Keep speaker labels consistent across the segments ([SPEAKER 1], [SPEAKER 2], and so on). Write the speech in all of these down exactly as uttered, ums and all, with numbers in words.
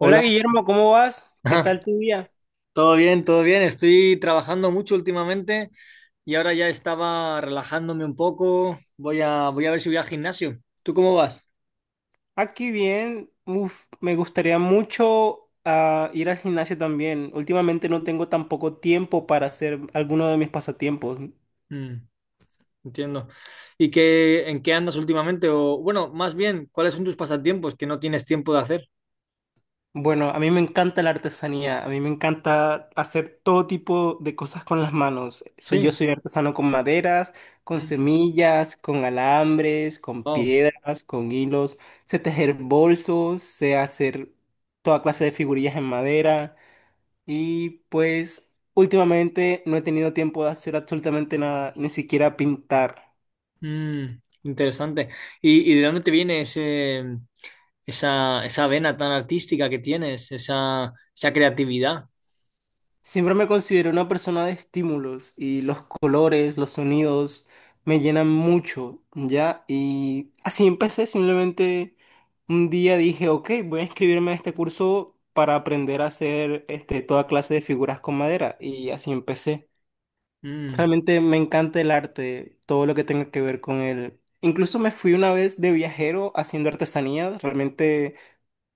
[SPEAKER 1] Hola Guillermo, ¿cómo vas? ¿Qué tal tu día?
[SPEAKER 2] todo bien, todo bien. Estoy trabajando mucho últimamente y ahora ya estaba relajándome un poco. Voy a, voy a ver si voy al gimnasio. ¿Tú cómo vas?
[SPEAKER 1] Aquí bien. Uf, me gustaría mucho ah, ir al gimnasio también. Últimamente no tengo tampoco tiempo para hacer alguno de mis pasatiempos.
[SPEAKER 2] Mm, entiendo. ¿Y qué, en qué andas últimamente? O, bueno, más bien, ¿cuáles son tus pasatiempos que no tienes tiempo de hacer?
[SPEAKER 1] Bueno, a mí me encanta la artesanía. A mí me encanta hacer todo tipo de cosas con las manos. Soy, yo
[SPEAKER 2] Sí.
[SPEAKER 1] soy artesano con maderas, con
[SPEAKER 2] Mm,
[SPEAKER 1] semillas, con alambres, con
[SPEAKER 2] wow.
[SPEAKER 1] piedras, con hilos. Sé tejer bolsos, sé hacer toda clase de figurillas en madera. Y pues últimamente no he tenido tiempo de hacer absolutamente nada, ni siquiera pintar.
[SPEAKER 2] Mm, interesante. ¿Y, y de dónde te viene ese? esa, esa vena tan artística que tienes, esa, esa creatividad?
[SPEAKER 1] Siempre me considero una persona de estímulos y los colores, los sonidos me llenan mucho, ¿ya? Y así empecé, simplemente un día dije, ok, voy a inscribirme a este curso para aprender a hacer este, toda clase de figuras con madera y así empecé.
[SPEAKER 2] Mm,
[SPEAKER 1] Realmente me encanta el arte, todo lo que tenga que ver con él. Incluso me fui una vez de viajero haciendo artesanía. Realmente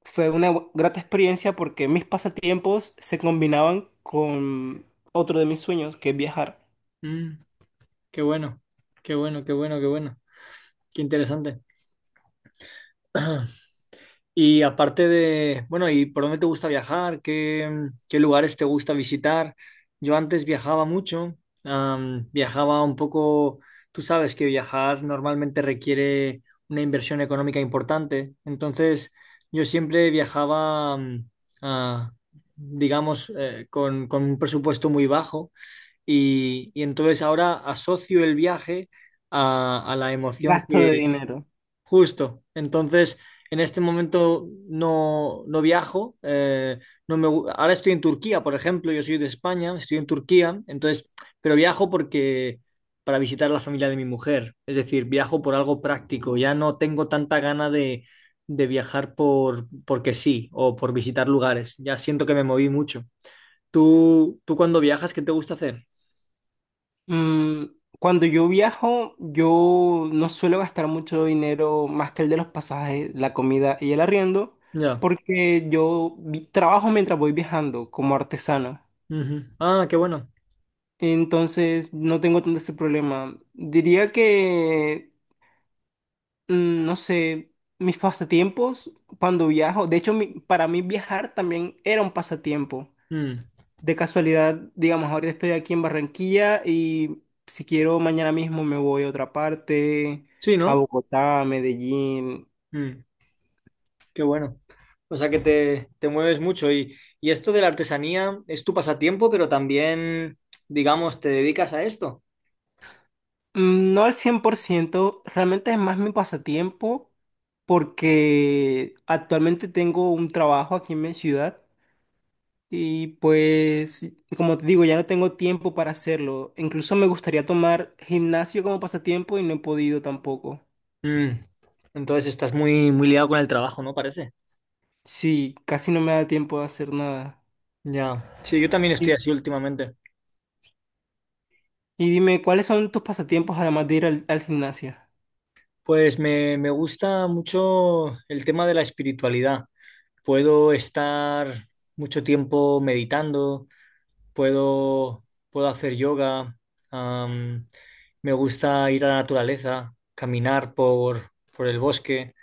[SPEAKER 1] fue una bu- grata experiencia porque mis pasatiempos se combinaban con otro de mis sueños, que es viajar.
[SPEAKER 2] mm, qué bueno, qué bueno, qué bueno, qué bueno. Qué interesante. Y aparte de, bueno, ¿y por dónde te gusta viajar? ¿Qué, mm, qué lugares te gusta visitar? Yo antes viajaba mucho, am, viajaba un poco. Tú sabes que viajar normalmente requiere una inversión económica importante. Entonces yo siempre viajaba, am, ah, digamos, eh, con, con un presupuesto muy bajo, y, y entonces ahora asocio el viaje a, a la emoción.
[SPEAKER 1] Gasto de dinero.
[SPEAKER 2] Justo. Entonces, en este momento no, no viajo. Eh, no me, gu- ahora estoy en Turquía, por ejemplo. Yo soy de España, estoy en Turquía. Entonces, pero viajo porque para visitar a la familia de mi mujer. Es decir, viajo por algo práctico. Ya no tengo tanta gana de, de viajar por porque sí o por visitar lugares. Ya siento que me moví mucho. ¿Tú, tú cuando viajas, qué te gusta hacer?
[SPEAKER 1] Mm, cuando yo viajo, yo no suelo gastar mucho dinero más que el de los pasajes, la comida y el arriendo,
[SPEAKER 2] Ya.
[SPEAKER 1] porque yo vi- trabajo mientras voy viajando como artesano.
[SPEAKER 2] Ujú. Ah, qué bueno.
[SPEAKER 1] Entonces, no tengo tanto ese problema. Diría que, mm, no sé, mis pasatiempos cuando viajo, de hecho, mi- para mí viajar también era un pasatiempo.
[SPEAKER 2] Mm.
[SPEAKER 1] De casualidad, digamos, ahorita estoy aquí en Barranquilla y si quiero, mañana mismo me voy a otra parte,
[SPEAKER 2] Sí,
[SPEAKER 1] a
[SPEAKER 2] ¿no?
[SPEAKER 1] Bogotá, a Medellín.
[SPEAKER 2] Mm. Qué bueno. O sea que te, te mueves mucho, y, y esto de la artesanía es tu pasatiempo, pero también, digamos, te dedicas a esto.
[SPEAKER 1] Mm, No al cien por ciento, realmente es más mi pasatiempo porque actualmente tengo un trabajo aquí en mi ciudad. Y pues, como te digo, ya no tengo tiempo para hacerlo. Incluso me gustaría tomar gimnasio como pasatiempo y no he podido tampoco.
[SPEAKER 2] Mm. Entonces estás muy, muy liado con el trabajo, ¿no? Parece.
[SPEAKER 1] Sí, casi no me da tiempo de hacer nada.
[SPEAKER 2] Ya. Sí, yo también estoy
[SPEAKER 1] Y,
[SPEAKER 2] así últimamente.
[SPEAKER 1] y dime, ¿cuáles son tus pasatiempos además de ir al, al gimnasio?
[SPEAKER 2] Pues me, me gusta mucho el tema de la espiritualidad. Puedo estar mucho tiempo meditando. Puedo, puedo hacer yoga. am, me gusta ir a la naturaleza, caminar por, por el bosque.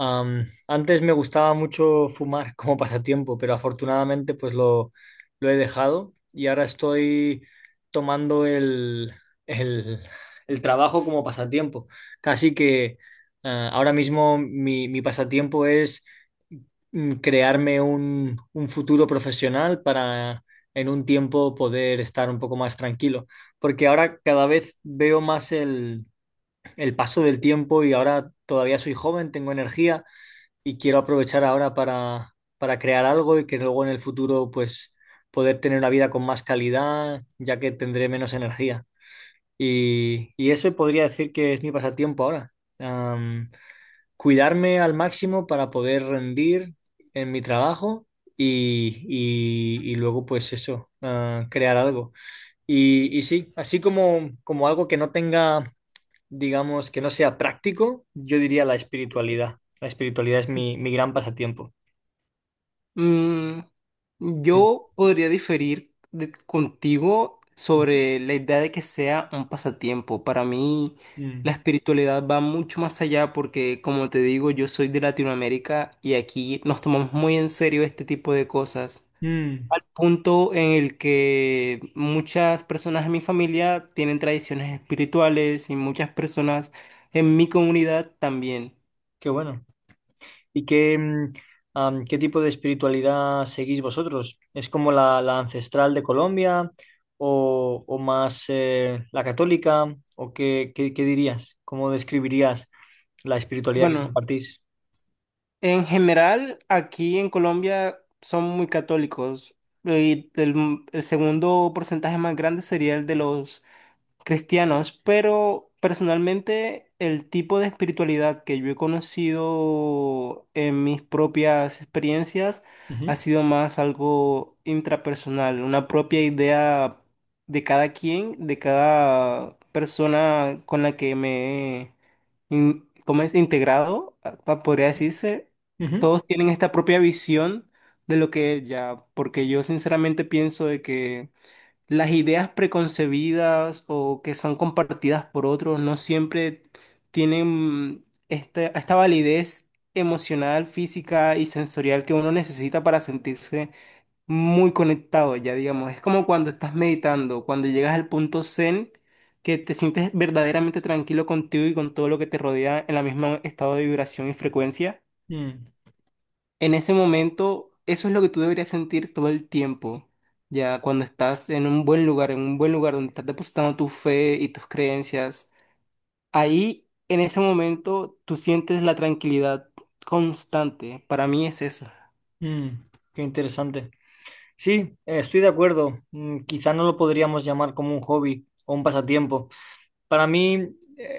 [SPEAKER 2] Am, antes me gustaba mucho fumar como pasatiempo, pero afortunadamente pues lo, lo he dejado y ahora estoy tomando el, el, el trabajo como pasatiempo. Casi que eh, ahora mismo mi, mi pasatiempo es mm, crearme un, un futuro profesional para en un tiempo poder estar un poco más tranquilo. Porque ahora cada vez veo más el, el paso del tiempo y ahora todavía soy joven, tengo energía y quiero aprovechar ahora para, para crear algo y que luego en el futuro pues poder tener una vida con más calidad, ya que tendré menos energía. Y, y eso podría decir que es mi pasatiempo ahora, cuidarme al máximo para poder rendir en mi trabajo y, y- y luego pues eso, ah, crear algo. Y, y sí, así como, como algo que no tenga, digamos, que no sea práctico, yo diría la espiritualidad. La espiritualidad es mi, mi gran pasatiempo.
[SPEAKER 1] Mm,
[SPEAKER 2] Mm,
[SPEAKER 1] yo podría diferir de- contigo
[SPEAKER 2] mm,
[SPEAKER 1] sobre la idea de que sea un pasatiempo. Para mí,
[SPEAKER 2] mm,
[SPEAKER 1] la espiritualidad va mucho más allá porque, como te digo, yo soy de Latinoamérica y aquí nos tomamos muy en serio este tipo de cosas.
[SPEAKER 2] mm,
[SPEAKER 1] Al punto en el que muchas personas en mi familia tienen tradiciones espirituales y muchas personas en mi comunidad también.
[SPEAKER 2] qué bueno. ¿Y qué, mm, am, qué tipo de espiritualidad seguís vosotros? ¿Es como la, la ancestral de Colombia, o, o más eh, la católica? ¿O qué, qué- qué dirías? ¿Cómo describirías la espiritualidad que
[SPEAKER 1] Bueno,
[SPEAKER 2] compartís?
[SPEAKER 1] en general, aquí en Colombia son muy católicos y el, el segundo porcentaje más grande sería el de los cristianos, pero personalmente el tipo de espiritualidad que yo he conocido en mis propias experiencias ha
[SPEAKER 2] Ujú,
[SPEAKER 1] sido más algo intrapersonal, una propia idea de cada quien, de cada persona con la que me he in- ¿cómo es? Integrado, a- pa- podría decirse.
[SPEAKER 2] ujú,
[SPEAKER 1] Todos tienen esta propia visión de lo que es ya, porque yo sinceramente pienso de que las ideas preconcebidas o que son compartidas por otros no siempre tienen esta, esta validez emocional, física y sensorial que uno necesita para sentirse muy conectado, ya digamos. Es como cuando estás meditando, cuando llegas al punto zen, que te sientes verdaderamente tranquilo contigo y con todo lo que te rodea en la misma estado de vibración y frecuencia.
[SPEAKER 2] mm,
[SPEAKER 1] En ese momento, eso es lo que tú deberías sentir todo el tiempo. Ya cuando estás en un buen lugar, en un buen lugar donde estás depositando tu fe y tus creencias, ahí en ese momento tú sientes la tranquilidad constante. Para mí es eso.
[SPEAKER 2] mm, qué interesante. Sí, eh, estoy de acuerdo. Mm, quizá no lo podríamos llamar como un hobby o un pasatiempo. Para mí eh,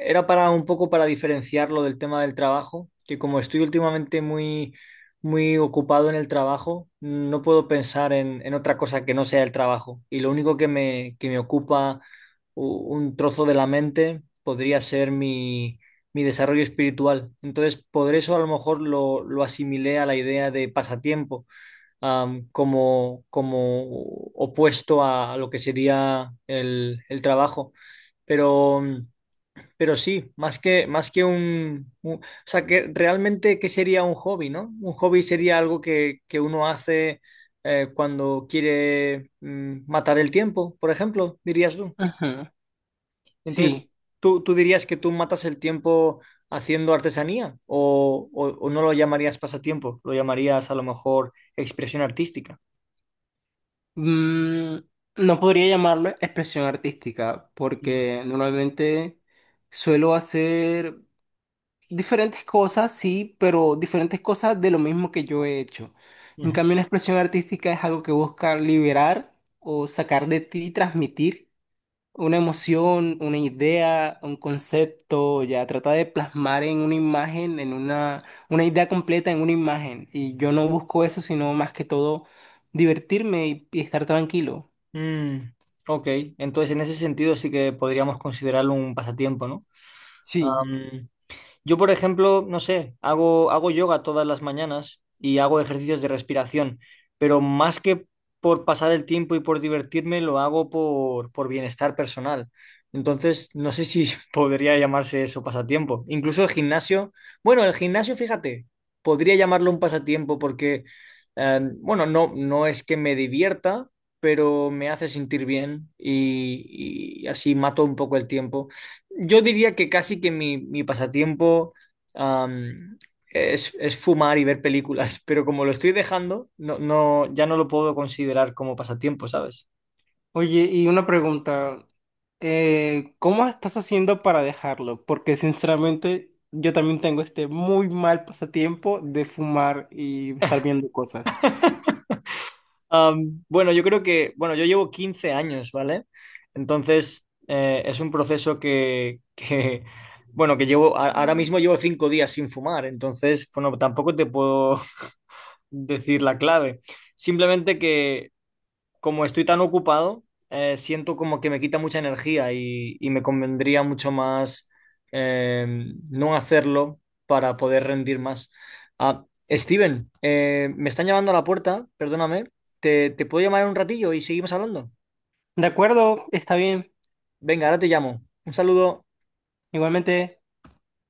[SPEAKER 2] era para un poco para diferenciarlo del tema del trabajo, que como estoy últimamente muy, muy ocupado en el trabajo, no puedo pensar en, en otra cosa que no sea el trabajo. Y lo único que me, que me ocupa u- un trozo de la mente podría ser mi, mi desarrollo espiritual. Entonces, por eso a lo mejor lo, lo asimilé a la idea de pasatiempo, am, como, como opuesto a lo que sería el, el trabajo. Pero, pero sí, más que, más que un, un- o sea, que realmente, ¿qué sería un hobby, no? Un hobby sería algo que, que uno hace eh, cuando quiere mm, matar el tiempo, por ejemplo, dirías tú.
[SPEAKER 1] Ajá.
[SPEAKER 2] Entonces,
[SPEAKER 1] Sí.
[SPEAKER 2] ¿tú, tú dirías que tú matas el tiempo haciendo artesanía, o o o no lo llamarías pasatiempo, lo llamarías a lo mejor expresión artística?
[SPEAKER 1] Mm, no podría llamarlo expresión artística porque normalmente suelo hacer diferentes cosas, sí, pero diferentes cosas de lo mismo que yo he hecho. En
[SPEAKER 2] Ujú.
[SPEAKER 1] cambio, una expresión artística es algo que busca liberar o sacar de ti, y transmitir una emoción, una idea, un concepto, ya trata de plasmar en una imagen, en una, una idea completa en una imagen. Y yo no busco eso, sino más que todo divertirme y, y estar tranquilo.
[SPEAKER 2] Mm, ok, entonces en ese sentido sí que podríamos considerarlo un pasatiempo, ¿no?
[SPEAKER 1] Sí.
[SPEAKER 2] Yo, por ejemplo, no sé, hago, hago yoga todas las mañanas y hago ejercicios de respiración, pero más que por pasar el tiempo y por divertirme, lo hago por, por bienestar personal. Entonces, no sé si podría llamarse eso pasatiempo. Incluso el gimnasio, bueno, el gimnasio, fíjate, podría llamarlo un pasatiempo porque, eh, bueno, no, no es que me divierta, pero me hace sentir bien y, y así mato un poco el tiempo. Yo diría que casi que mi, mi pasatiempo am, es, es fumar y ver películas, pero como lo estoy dejando, no, no, ya no lo puedo considerar como pasatiempo, ¿sabes?
[SPEAKER 1] Oye, y una pregunta. Eh, ¿cómo estás haciendo para dejarlo? Porque sinceramente yo también tengo este muy mal pasatiempo de fumar y estar viendo cosas.
[SPEAKER 2] Am, bueno, yo creo que, bueno, yo llevo quince años, ¿vale? Entonces, eh, es un proceso que, que, bueno, que llevo, a- ahora mismo llevo cinco días sin fumar. Entonces, bueno, tampoco te puedo decir la clave. Simplemente que como estoy tan ocupado, eh, siento como que me quita mucha energía, y, y me convendría mucho más eh, no hacerlo para poder rendir más. Ah, Steven, eh, me están llamando a la puerta, perdóname. ¿Te, te puedo llamar en un ratillo y seguimos hablando?
[SPEAKER 1] De acuerdo, está bien.
[SPEAKER 2] Venga, ahora te llamo. Un saludo.
[SPEAKER 1] Igualmente.